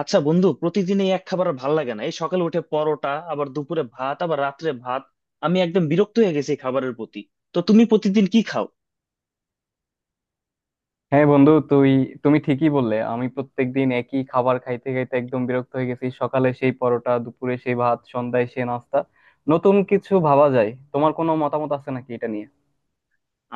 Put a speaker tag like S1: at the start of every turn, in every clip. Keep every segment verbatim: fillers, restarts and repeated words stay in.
S1: আচ্ছা বন্ধু, প্রতিদিন এই এক খাবার আর ভাল লাগে না। এই সকালে উঠে পরোটা, আবার দুপুরে ভাত, আবার রাত্রে ভাত। আমি একদম বিরক্ত হয়ে গেছি এই খাবারের প্রতি। তো তুমি প্রতিদিন কি খাও?
S2: হ্যাঁ বন্ধু। তুই তুমি ঠিকই বললে। আমি প্রত্যেকদিন একই খাবার খাইতে খাইতে একদম বিরক্ত হয়ে গেছি। সকালে সেই পরোটা, দুপুরে সেই ভাত, সন্ধ্যায় সেই নাস্তা। নতুন কিছু ভাবা যায়? তোমার কোনো মতামত আছে নাকি এটা নিয়ে?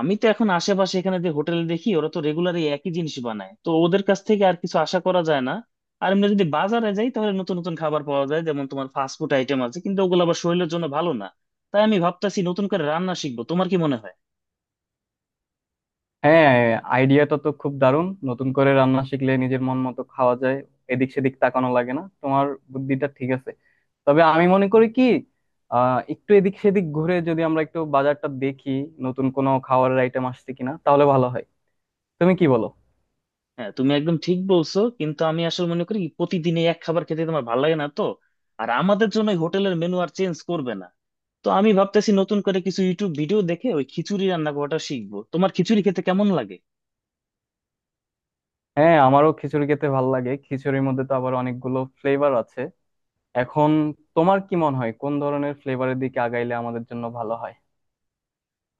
S1: আমি তো এখন আশেপাশে এখানে যে হোটেল দেখি, ওরা তো রেগুলার এই একই জিনিস বানায়, তো ওদের কাছ থেকে আর কিছু আশা করা যায় না। আর এমনি যদি বাজারে যাই, তাহলে নতুন নতুন খাবার পাওয়া যায়, যেমন তোমার ফাস্ট ফুড আইটেম আছে, কিন্তু ওগুলো আবার শরীরের জন্য ভালো না। তাই আমি ভাবতেছি নতুন করে রান্না শিখবো, তোমার কি মনে হয়?
S2: হ্যাঁ। আইডিয়াটা তো খুব দারুণ, নতুন করে রান্না শিখলে নিজের মন মতো খাওয়া যায়, এদিক সেদিক তাকানো লাগে না তোমার। বুদ্ধিটা ঠিক আছে। তবে আমি মনে করি কি, আহ একটু এদিক সেদিক ঘুরে যদি আমরা একটু বাজারটা দেখি, নতুন কোনো খাবারের আইটেম আসছে কিনা, তাহলে ভালো হয়। তুমি কি বলো?
S1: হ্যাঁ, তুমি একদম ঠিক বলছো, কিন্তু আমি আসলে মনে করি প্রতিদিন এই এক খাবার খেতে তোমার ভালো লাগে না তো। আর আমাদের জন্য হোটেলের মেনু আর চেঞ্জ করবে না। তো আমি ভাবতেছি নতুন করে কিছু ইউটিউব ভিডিও দেখে ওই খিচুড়ি রান্না করাটা শিখবো, তোমার খিচুড়ি খেতে কেমন লাগে?
S2: হ্যাঁ, আমারও খিচুড়ি খেতে ভালো লাগে। খিচুড়ির মধ্যে তো আবার অনেকগুলো ফ্লেভার আছে। এখন তোমার কি মনে হয় কোন ধরনের ফ্লেভারের দিকে আগাইলে আমাদের জন্য ভালো হয়?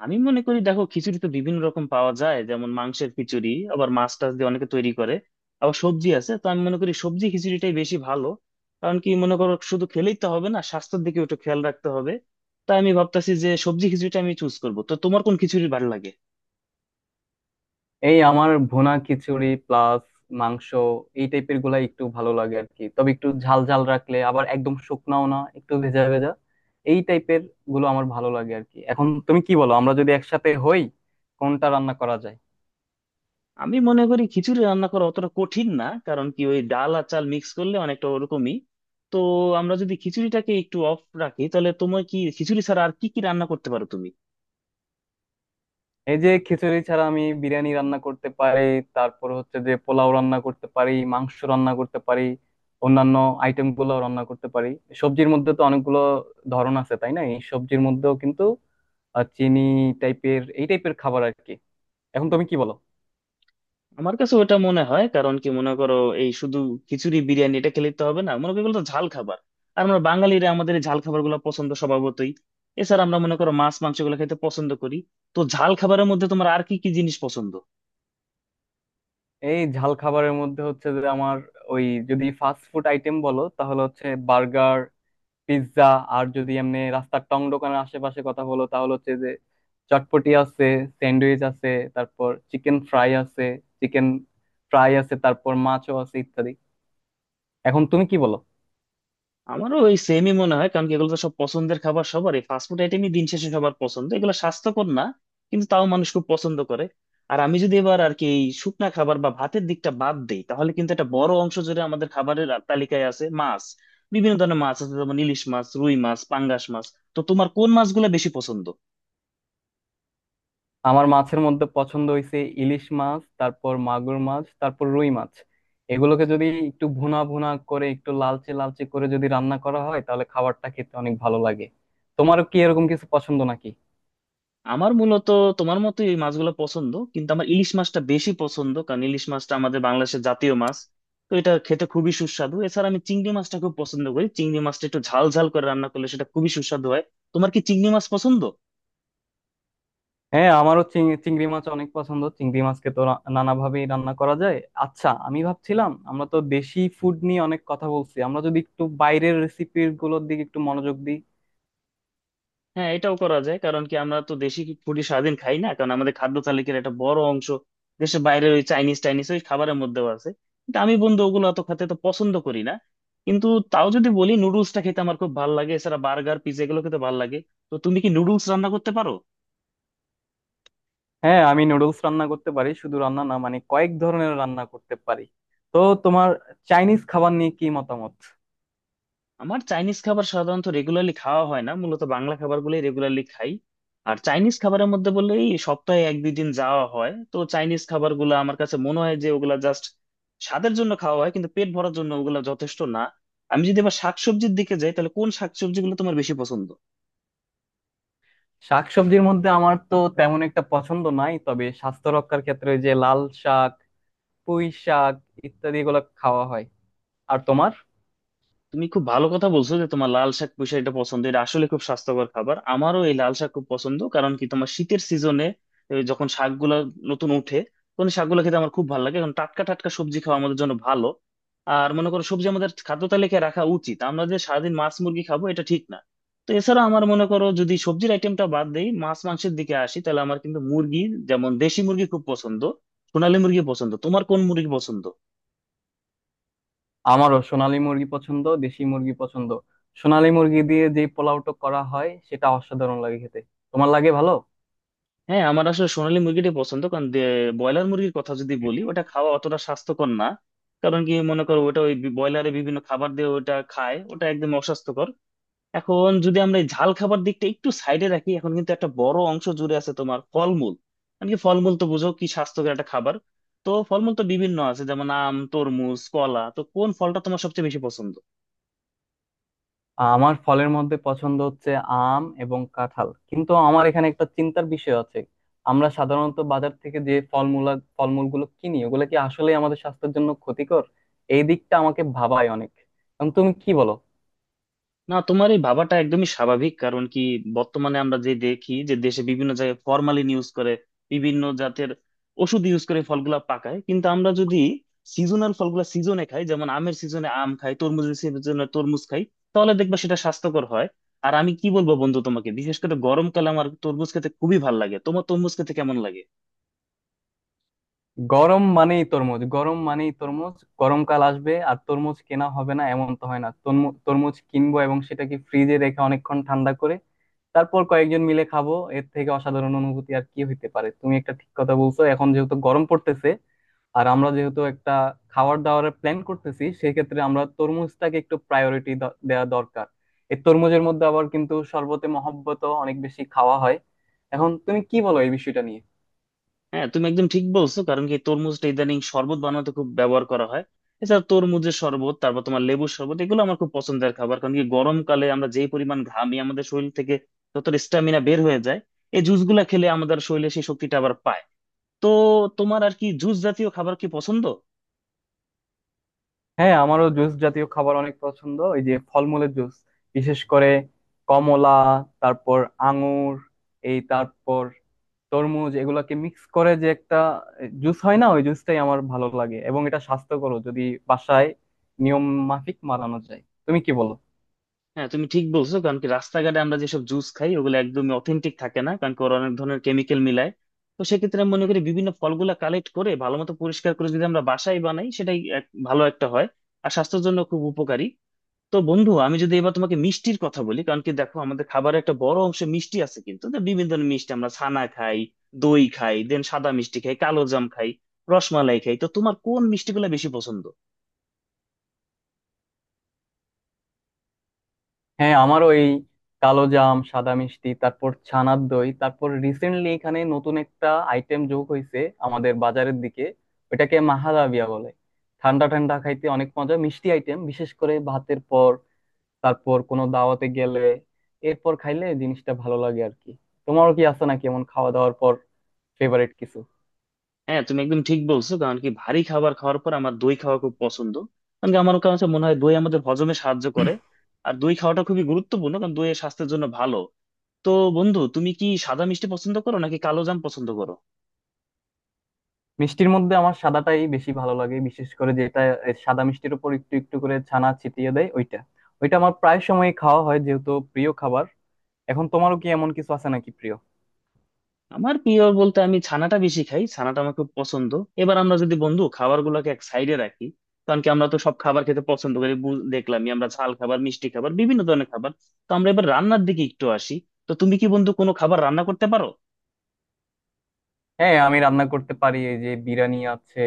S1: আমি মনে করি, দেখো, খিচুড়ি তো বিভিন্ন রকম পাওয়া যায়, যেমন মাংসের খিচুড়ি, আবার মাছ টাছ দিয়ে অনেকে তৈরি করে, আবার সবজি আছে। তো আমি মনে করি সবজি খিচুড়িটাই বেশি ভালো। কারণ কি মনে করো, শুধু খেলেই তো হবে না, স্বাস্থ্যের দিকে একটু খেয়াল রাখতে হবে। তাই আমি ভাবতেছি যে সবজি খিচুড়িটা আমি চুজ করবো, তো তোমার কোন খিচুড়ি ভালো লাগে?
S2: এই আমার ভুনা খিচুড়ি প্লাস মাংস, এই টাইপের গুলা একটু ভালো লাগে আর কি। তবে একটু ঝাল ঝাল রাখলে, আবার একদম শুকনাও না, একটু ভেজা ভেজা, এই টাইপের গুলো আমার ভালো লাগে আর কি। এখন তুমি কি বলো, আমরা যদি একসাথে হই কোনটা রান্না করা যায়?
S1: আমি মনে করি খিচুড়ি রান্না করা অতটা কঠিন না, কারণ কি ওই ডাল আর চাল মিক্স করলে অনেকটা ওরকমই। তো আমরা যদি খিচুড়িটাকে একটু অফ রাখি, তাহলে তোমার কি খিচুড়ি ছাড়া আর কি কি রান্না করতে পারো তুমি?
S2: এই যে, খিচুড়ি ছাড়া আমি বিরিয়ানি রান্না করতে পারি, তারপর হচ্ছে যে পোলাও রান্না করতে পারি, মাংস রান্না করতে পারি, অন্যান্য আইটেম গুলো রান্না করতে পারি। সবজির মধ্যে তো অনেকগুলো ধরন আছে, তাই না? এই সবজির মধ্যেও কিন্তু আর চিনি টাইপের, এই টাইপের খাবার আর কি। এখন তুমি কি বলো?
S1: আমার কাছে ওটা মনে হয়, কারণ কি মনে করো, এই শুধু খিচুড়ি বিরিয়ানি এটা খেলে তো হবে না, মনে করো এগুলো তো ঝাল খাবার। আর আমরা বাঙালিরা আমাদের এই ঝাল খাবার গুলো পছন্দ স্বভাবতই। এছাড়া আমরা মনে করো মাছ মাংস গুলো খেতে পছন্দ করি। তো ঝাল খাবারের মধ্যে তোমার আর কি কি জিনিস পছন্দ?
S2: এই ঝাল খাবারের মধ্যে হচ্ছে যে আমার, ওই, যদি ফাস্ট ফুড আইটেম বলো, তাহলে হচ্ছে বার্গার, পিৎজা। আর যদি এমনি রাস্তার টং দোকানের আশেপাশে কথা হলো, তাহলে হচ্ছে যে চটপটি আছে, স্যান্ডউইচ আছে, তারপর চিকেন ফ্রাই আছে, চিকেন ফ্রাই আছে তারপর মাছও আছে, ইত্যাদি। এখন তুমি কি বলো?
S1: আমারও ওই সেমই মনে হয়, কারণ কি এগুলো তো সব পছন্দের খাবার সবার। এই ফাস্টফুড আইটেমই দিন শেষে সবার পছন্দ, এগুলো স্বাস্থ্যকর না, কিন্তু তাও মানুষ খুব পছন্দ করে। আর আমি যদি এবার আর কি এই শুকনা খাবার বা ভাতের দিকটা বাদ দিই, তাহলে কিন্তু একটা বড় অংশ জুড়ে আমাদের খাবারের আ- তালিকায় আছে মাছ। বিভিন্ন ধরনের মাছ আছে, যেমন ইলিশ মাছ, রুই মাছ, পাঙ্গাস মাছ। তো তোমার কোন মাছগুলো বেশি পছন্দ?
S2: আমার মাছের মধ্যে পছন্দ হয়েছে ইলিশ মাছ, তারপর মাগুর মাছ, তারপর রুই মাছ। এগুলোকে যদি একটু ভুনা ভুনা করে, একটু লালচে লালচে করে যদি রান্না করা হয়, তাহলে খাবারটা খেতে অনেক ভালো লাগে। তোমারও কি এরকম কিছু পছন্দ নাকি?
S1: আমার মূলত তোমার মতো এই মাছগুলো পছন্দ, কিন্তু আমার ইলিশ মাছটা বেশি পছন্দ, কারণ ইলিশ মাছটা আমাদের বাংলাদেশের জাতীয় মাছ। তো এটা খেতে খুবই সুস্বাদু। এছাড়া আমি চিংড়ি মাছটা খুব পছন্দ করি, চিংড়ি মাছটা একটু ঝাল ঝাল করে রান্না করলে সেটা খুবই সুস্বাদু হয়। তোমার কি চিংড়ি মাছ পছন্দ?
S2: হ্যাঁ, আমারও চিং- চিংড়ি মাছ অনেক পছন্দ। চিংড়ি মাছকে তো রা- নানাভাবেই রান্না করা যায়। আচ্ছা, আমি ভাবছিলাম, আমরা তো দেশি ফুড নিয়ে অনেক কথা বলছি, আমরা যদি একটু বাইরের রেসিপি গুলোর দিকে একটু মনোযোগ দিই।
S1: হ্যাঁ, এটাও করা যায়, কারণ কি আমরা তো দেশি ফুডই সারাদিন খাই না, কারণ আমাদের খাদ্য তালিকার একটা বড় অংশ দেশের বাইরে ওই চাইনিজ টাইনিজ ওই খাবারের মধ্যেও আছে। কিন্তু আমি বন্ধু ওগুলো অত খেতে তো পছন্দ করি না। কিন্তু তাও যদি বলি নুডলসটা খেতে আমার খুব ভালো লাগে, এছাড়া বার্গার পিৎজা এগুলো খেতে ভালো লাগে। তো তুমি কি নুডলস রান্না করতে পারো?
S2: হ্যাঁ, আমি নুডলস রান্না করতে পারি, শুধু রান্না না, মানে কয়েক ধরনের রান্না করতে পারি। তো তোমার চাইনিজ খাবার নিয়ে কি মতামত?
S1: আমার চাইনিজ খাবার সাধারণত রেগুলারলি খাওয়া হয় না, মূলত বাংলা খাবারগুলোই রেগুলারলি খাই। আর চাইনিজ খাবারের মধ্যে বললে এই সপ্তাহে এক দুই দিন যাওয়া হয়। তো চাইনিজ খাবারগুলো আমার কাছে মনে হয় যে ওগুলা জাস্ট স্বাদের জন্য খাওয়া হয়, কিন্তু পেট ভরার জন্য ওগুলা যথেষ্ট না। আমি যদি আবার শাকসবজির দিকে যাই, তাহলে কোন শাকসবজিগুলো তোমার বেশি পছন্দ?
S2: শাকসবজির মধ্যে আমার তো তেমন একটা পছন্দ নাই, তবে স্বাস্থ্য রক্ষার ক্ষেত্রে ওই যে লাল শাক, পুঁই শাক, ইত্যাদি এগুলো খাওয়া হয়। আর তোমার?
S1: তুমি খুব ভালো কথা বলছো যে তোমার লাল শাক পুঁই শাক এটা পছন্দ। এটা আসলে খুব স্বাস্থ্যকর খাবার, আমারও এই লাল শাক খুব পছন্দ। কারণ কি তোমার শীতের সিজনে যখন শাকগুলা নতুন উঠে, তখন এই শাকগুলো খেতে আমার খুব ভালো লাগে, কারণ টাটকা টাটকা সবজি খাওয়া আমাদের জন্য ভালো। আর মনে করো সবজি আমাদের খাদ্য তালিকায় রাখা উচিত, আমরা যে সারাদিন মাছ মুরগি খাবো এটা ঠিক না। তো এছাড়া আমার মনে করো, যদি সবজির আইটেমটা বাদ দেই, মাছ মাংসের দিকে আসি, তাহলে আমার কিন্তু মুরগি, যেমন দেশি মুরগি খুব পছন্দ, সোনালী মুরগি পছন্দ। তোমার কোন মুরগি পছন্দ?
S2: আমারও সোনালী মুরগি পছন্দ, দেশি মুরগি পছন্দ। সোনালী মুরগি দিয়ে যে পোলাওটা করা হয় সেটা অসাধারণ লাগে খেতে। তোমার লাগে ভালো?
S1: হ্যাঁ, আমার আসলে সোনালী মুরগিটাই পছন্দ, কারণ ব্রয়লার মুরগির কথা যদি বলি, ওটা খাওয়া অতটা স্বাস্থ্যকর না। কারণ কি মনে করো, ওটা ওই ব্রয়লারে বিভিন্ন খাবার দিয়ে ওটা খায়, ওটা একদম অস্বাস্থ্যকর। এখন যদি আমরা এই ঝাল খাবার দিকটা একটু সাইডে রাখি, এখন কিন্তু একটা বড় অংশ জুড়ে আছে তোমার ফলমূল। মানে কি ফলমূল তো বুঝো, কি স্বাস্থ্যকর একটা খাবার। তো ফলমূল তো বিভিন্ন আছে, যেমন আম, তরমুজ, কলা। তো কোন ফলটা তোমার সবচেয়ে বেশি পছন্দ?
S2: আমার ফলের মধ্যে পছন্দ হচ্ছে আম এবং কাঁঠাল। কিন্তু আমার এখানে একটা চিন্তার বিষয় আছে। আমরা সাধারণত বাজার থেকে যে ফলমূলা ফলমূলগুলো কিনি, ওগুলো কি আসলে আমাদের স্বাস্থ্যের জন্য ক্ষতিকর? এই দিকটা আমাকে ভাবায় অনেক। এখন তুমি কি বলো?
S1: না, তোমার এই ভাবাটা একদমই স্বাভাবিক, কারণ কি বর্তমানে আমরা যে দেখি যে দেশে বিভিন্ন জায়গায় ফরমালিন ইউজ করে, বিভিন্ন জাতের ওষুধ ইউজ করে ফলগুলা পাকায়। কিন্তু আমরা যদি সিজনাল ফলগুলা সিজনে খাই, যেমন আমের সিজনে আম খাই, তরমুজের সিজনে তরমুজ খাই, তাহলে দেখবা সেটা স্বাস্থ্যকর হয়। আর আমি কি বলবো বন্ধু তোমাকে, বিশেষ করে গরমকালে আমার তরমুজ খেতে খুবই ভালো লাগে। তোমার তরমুজ খেতে কেমন লাগে?
S2: গরম মানেই তরমুজ, গরম মানেই তরমুজ। গরমকাল আসবে আর তরমুজ কেনা হবে না, এমন তো হয় না। তরমু- তরমুজ কিনবো এবং সেটাকে ফ্রিজে রেখে অনেকক্ষণ ঠান্ডা করে তারপর কয়েকজন মিলে খাবো, এর থেকে অসাধারণ অনুভূতি আর কি হইতে পারে। তুমি একটা ঠিক কথা বলছো। এখন যেহেতু গরম পড়তেছে, আর আমরা যেহেতু একটা খাবার দাবারের প্ল্যান করতেছি, সেক্ষেত্রে আমরা তরমুজটাকে একটু প্রায়োরিটি দেওয়া দরকার। এই তরমুজের মধ্যে আবার কিন্তু শরবতে মহব্বত অনেক বেশি খাওয়া হয়। এখন তুমি কি বলো এই বিষয়টা নিয়ে?
S1: হ্যাঁ, তুমি একদম ঠিক বলছো, কারণ কি তরমুজটা ইদানিং শরবত বানাতে খুব ব্যবহার করা হয়। এছাড়া তরমুজের শরবত, তারপর তোমার লেবুর শরবত, এগুলো আমার খুব পছন্দের খাবার। কারণ কি গরমকালে আমরা যেই পরিমাণ ঘামি, আমাদের শরীর থেকে যতটা স্ট্যামিনা বের হয়ে যায়, এই জুস গুলা খেলে আমাদের শরীরে সেই শক্তিটা আবার পায়। তো তোমার আর কি জুস জাতীয় খাবার কি পছন্দ?
S2: হ্যাঁ, আমারও জুস জাতীয় খাবার অনেক পছন্দ, এই যে ফলমূলের জুস, বিশেষ করে কমলা, তারপর আঙুর, এই তারপর তরমুজ, এগুলাকে মিক্স করে যে একটা জুস হয় না, ওই জুসটাই আমার ভালো লাগে। এবং এটা স্বাস্থ্যকর, যদি বাসায় নিয়ম মাফিক বানানো যায়। তুমি কি বলো?
S1: হ্যাঁ, তুমি ঠিক বলছো, কারণ কি রাস্তাঘাটে আমরা যেসব জুস খাই ওগুলো একদমই অথেন্টিক থাকে না, কারণ কি ওরা অনেক ধরনের কেমিক্যাল মিলায়। তো সেক্ষেত্রে আমি মনে করি বিভিন্ন ফলগুলা কালেক্ট করে ভালো মতো পরিষ্কার করে যদি আমরা বাসায় বানাই, সেটাই এক- ভালো একটা হয়। আর স্বাস্থ্যের জন্য খুব উপকারী। তো বন্ধু, আমি যদি এবার তোমাকে মিষ্টির কথা বলি, কারণ কি দেখো আমাদের খাবারে একটা বড় অংশ মিষ্টি আছে কিন্তু। তো বিভিন্ন ধরনের মিষ্টি আমরা ছানা খাই, দই খাই, দেন সাদা মিষ্টি খাই, কালো জাম খাই, রসমালাই খাই। তো তোমার কোন মিষ্টিগুলো বেশি পছন্দ?
S2: হ্যাঁ, আমারও এই কালো জাম, সাদা মিষ্টি, তারপর ছানার দই। তারপর রিসেন্টলি এখানে নতুন একটা আইটেম যোগ হয়েছে আমাদের বাজারের দিকে, ওইটাকে মাহাদাবিয়া বলে। ঠান্ডা ঠান্ডা খাইতে অনেক মজা, মিষ্টি আইটেম, বিশেষ করে ভাতের পর, তারপর কোনো দাওয়াতে গেলে এরপর খাইলে জিনিসটা ভালো লাগে আর কি। তোমারও কি আছে নাকি এমন খাওয়া দাওয়ার পর ফেভারিট কিছু?
S1: হ্যাঁ, তুমি একদম ঠিক বলছো, কারণ কি ভারী খাবার খাওয়ার পর আমার দই খাওয়া খুব পছন্দ। কারণ কি আমার কাছে মনে হয় দই আমাদের হজমে সাহায্য করে। আর দই খাওয়াটা খুবই গুরুত্বপূর্ণ, কারণ দই স্বাস্থ্যের জন্য ভালো। তো বন্ধু, তুমি কি সাদা মিষ্টি পছন্দ করো নাকি কালো জাম পছন্দ করো?
S2: মিষ্টির মধ্যে আমার সাদাটাই বেশি ভালো লাগে, বিশেষ করে যেটা, এ, সাদা মিষ্টির উপর একটু একটু করে ছানা ছিটিয়ে দেয় ওইটা, ওইটা আমার প্রায় সময় খাওয়া হয়, যেহেতু প্রিয় খাবার। এখন তোমারও কি এমন কিছু আছে নাকি প্রিয়?
S1: আমার প্রিয় বলতে আমি ছানাটা বেশি খাই, ছানাটা আমার খুব পছন্দ। এবার আমরা যদি বন্ধু খাবার গুলাকে এক সাইডে রাখি, কারণ কি আমরা তো সব খাবার খেতে পছন্দ করি, বু- দেখলামই আমরা ঝাল খাবার, মিষ্টি খাবার, বিভিন্ন ধরনের খাবার। তো আমরা এবার রান্নার দিকে একটু আসি। তো তুমি কি বন্ধু কোনো খাবার রান্না করতে পারো?
S2: হ্যাঁ, আমি রান্না করতে পারি। এই যে বিরিয়ানি আছে,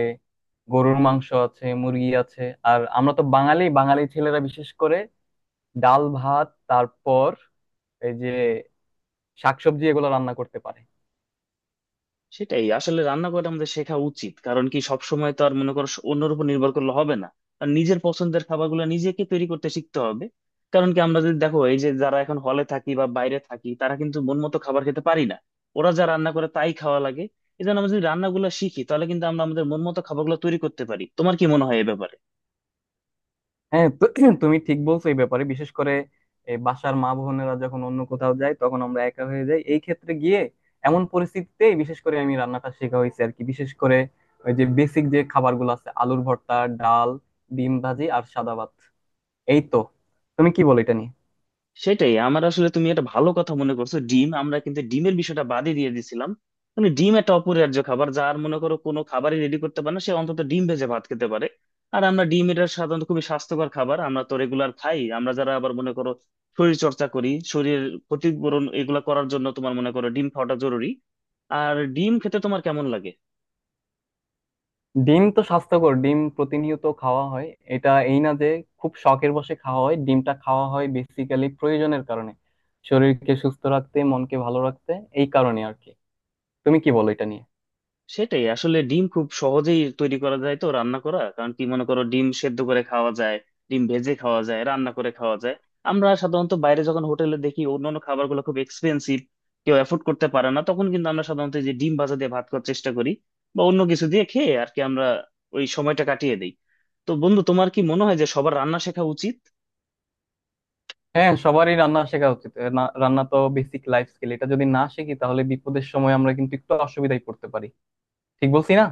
S2: গরুর মাংস আছে, মুরগি আছে। আর আমরা তো বাঙালি, বাঙালি ছেলেরা বিশেষ করে ডাল ভাত, তারপর এই যে শাকসবজি, এগুলো রান্না করতে পারে।
S1: সেটাই আসলে রান্না করা আমাদের শেখা উচিত, কারণ কি সবসময় তো আর মনে করো স- অন্যের উপর নির্ভর করলে হবে না। আর নিজের পছন্দের খাবারগুলো নিজেকে তৈরি করতে শিখতে হবে। কারণ কি আমরা যদি দেখো, এই যে যারা এখন হলে থাকি বা বাইরে থাকি, তারা কিন্তু মন মতো খাবার খেতে পারি না, ওরা যা রান্না করে তাই খাওয়া লাগে। এই জন্য আমরা যদি রান্নাগুলো শিখি, তাহলে কিন্তু আমরা আমাদের মন মতো খাবারগুলো তৈরি করতে পারি। তোমার কি মনে হয় এই ব্যাপারে?
S2: হ্যাঁ। তো তুমি ঠিক বলছো এই ব্যাপারে। বিশেষ করে এই বাসার মা বোনেরা যখন অন্য কোথাও যায়, তখন আমরা একা হয়ে যাই, এই ক্ষেত্রে গিয়ে এমন পরিস্থিতিতে বিশেষ করে আমি রান্নাটা শেখা হয়েছে আর কি। বিশেষ করে ওই যে বেসিক যে খাবারগুলো আছে, আলুর ভর্তা, ডাল, ডিম ভাজি আর সাদা ভাত, এই তো। তুমি কি বলো এটা নিয়ে?
S1: সেটাই, আমার আসলে, তুমি একটা ভালো কথা মনে করছো। ডিম আমরা কিন্তু ডিমের বিষয়টা বাদই দিয়ে দিছিলাম। মানে ডিম একটা অপরিহার্য খাবার, যার মনে করো কোনো খাবারই রেডি করতে পারে না, সে অন্তত ডিম ভেজে ভাত খেতে পারে। আর আমরা ডিম, এটা সাধারণত খুবই স্বাস্থ্যকর খাবার, আমরা তো রেগুলার খাই। আমরা যারা আবার মনে করো শরীর চর্চা করি, শরীরের ক্ষতিপূরণ এগুলা করার জন্য তোমার মনে করো ডিম খাওয়াটা জরুরি। আর ডিম খেতে তোমার কেমন লাগে?
S2: ডিম তো স্বাস্থ্যকর, ডিম প্রতিনিয়ত খাওয়া হয়। এটা এই না যে খুব শখের বশে খাওয়া হয়, ডিমটা খাওয়া হয় বেসিক্যালি প্রয়োজনের কারণে, শরীরকে সুস্থ রাখতে, মনকে ভালো রাখতে, এই কারণে আর কি। তুমি কি বলো এটা নিয়ে?
S1: সেটাই আসলে ডিম খুব সহজেই তৈরি করা যায়, তো রান্না করা, কারণ কি মনে করো ডিম সেদ্ধ করে খাওয়া যায়, ডিম ভেজে খাওয়া যায়, রান্না করে খাওয়া যায়। আমরা সাধারণত বাইরে যখন হোটেলে দেখি অন্যান্য খাবারগুলো খুব এক্সপেন্সিভ, কেউ অ্যাফোর্ড করতে পারে না, তখন কিন্তু আমরা সাধারণত এই যে ডিম ভাজা দিয়ে ভাত খাওয়ার চেষ্টা করি, বা অন্য কিছু দিয়ে খেয়ে আর কি আমরা ওই সময়টা কাটিয়ে দিই। তো বন্ধু, তোমার কি মনে হয় যে সবার রান্না শেখা উচিত?
S2: হ্যাঁ, সবারই রান্না শেখা উচিত। এ না- রান্না তো বেসিক লাইফ স্কিল, এটা যদি না শিখি, তাহলে বিপদের সময় আমরা কিন্তু একটু অসুবিধায় পড়তে পারি। ঠিক বলছি না?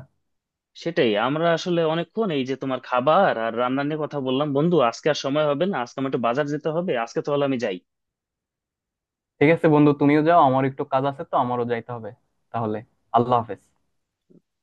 S1: সেটাই, আমরা আসলে অনেকক্ষণ এই যে তোমার খাবার আর রান্না নিয়ে কথা বললাম বন্ধু, আজকে আর সময় হবে না, আজকে আমার একটু বাজার যেতে হবে। আজকে তাহলে আমি যাই।
S2: ঠিক আছে বন্ধু, তুমিও যাও। আমার একটু কাজ আছে, তো আমারও যাইতে হবে। তাহলে আল্লাহ হাফেজ।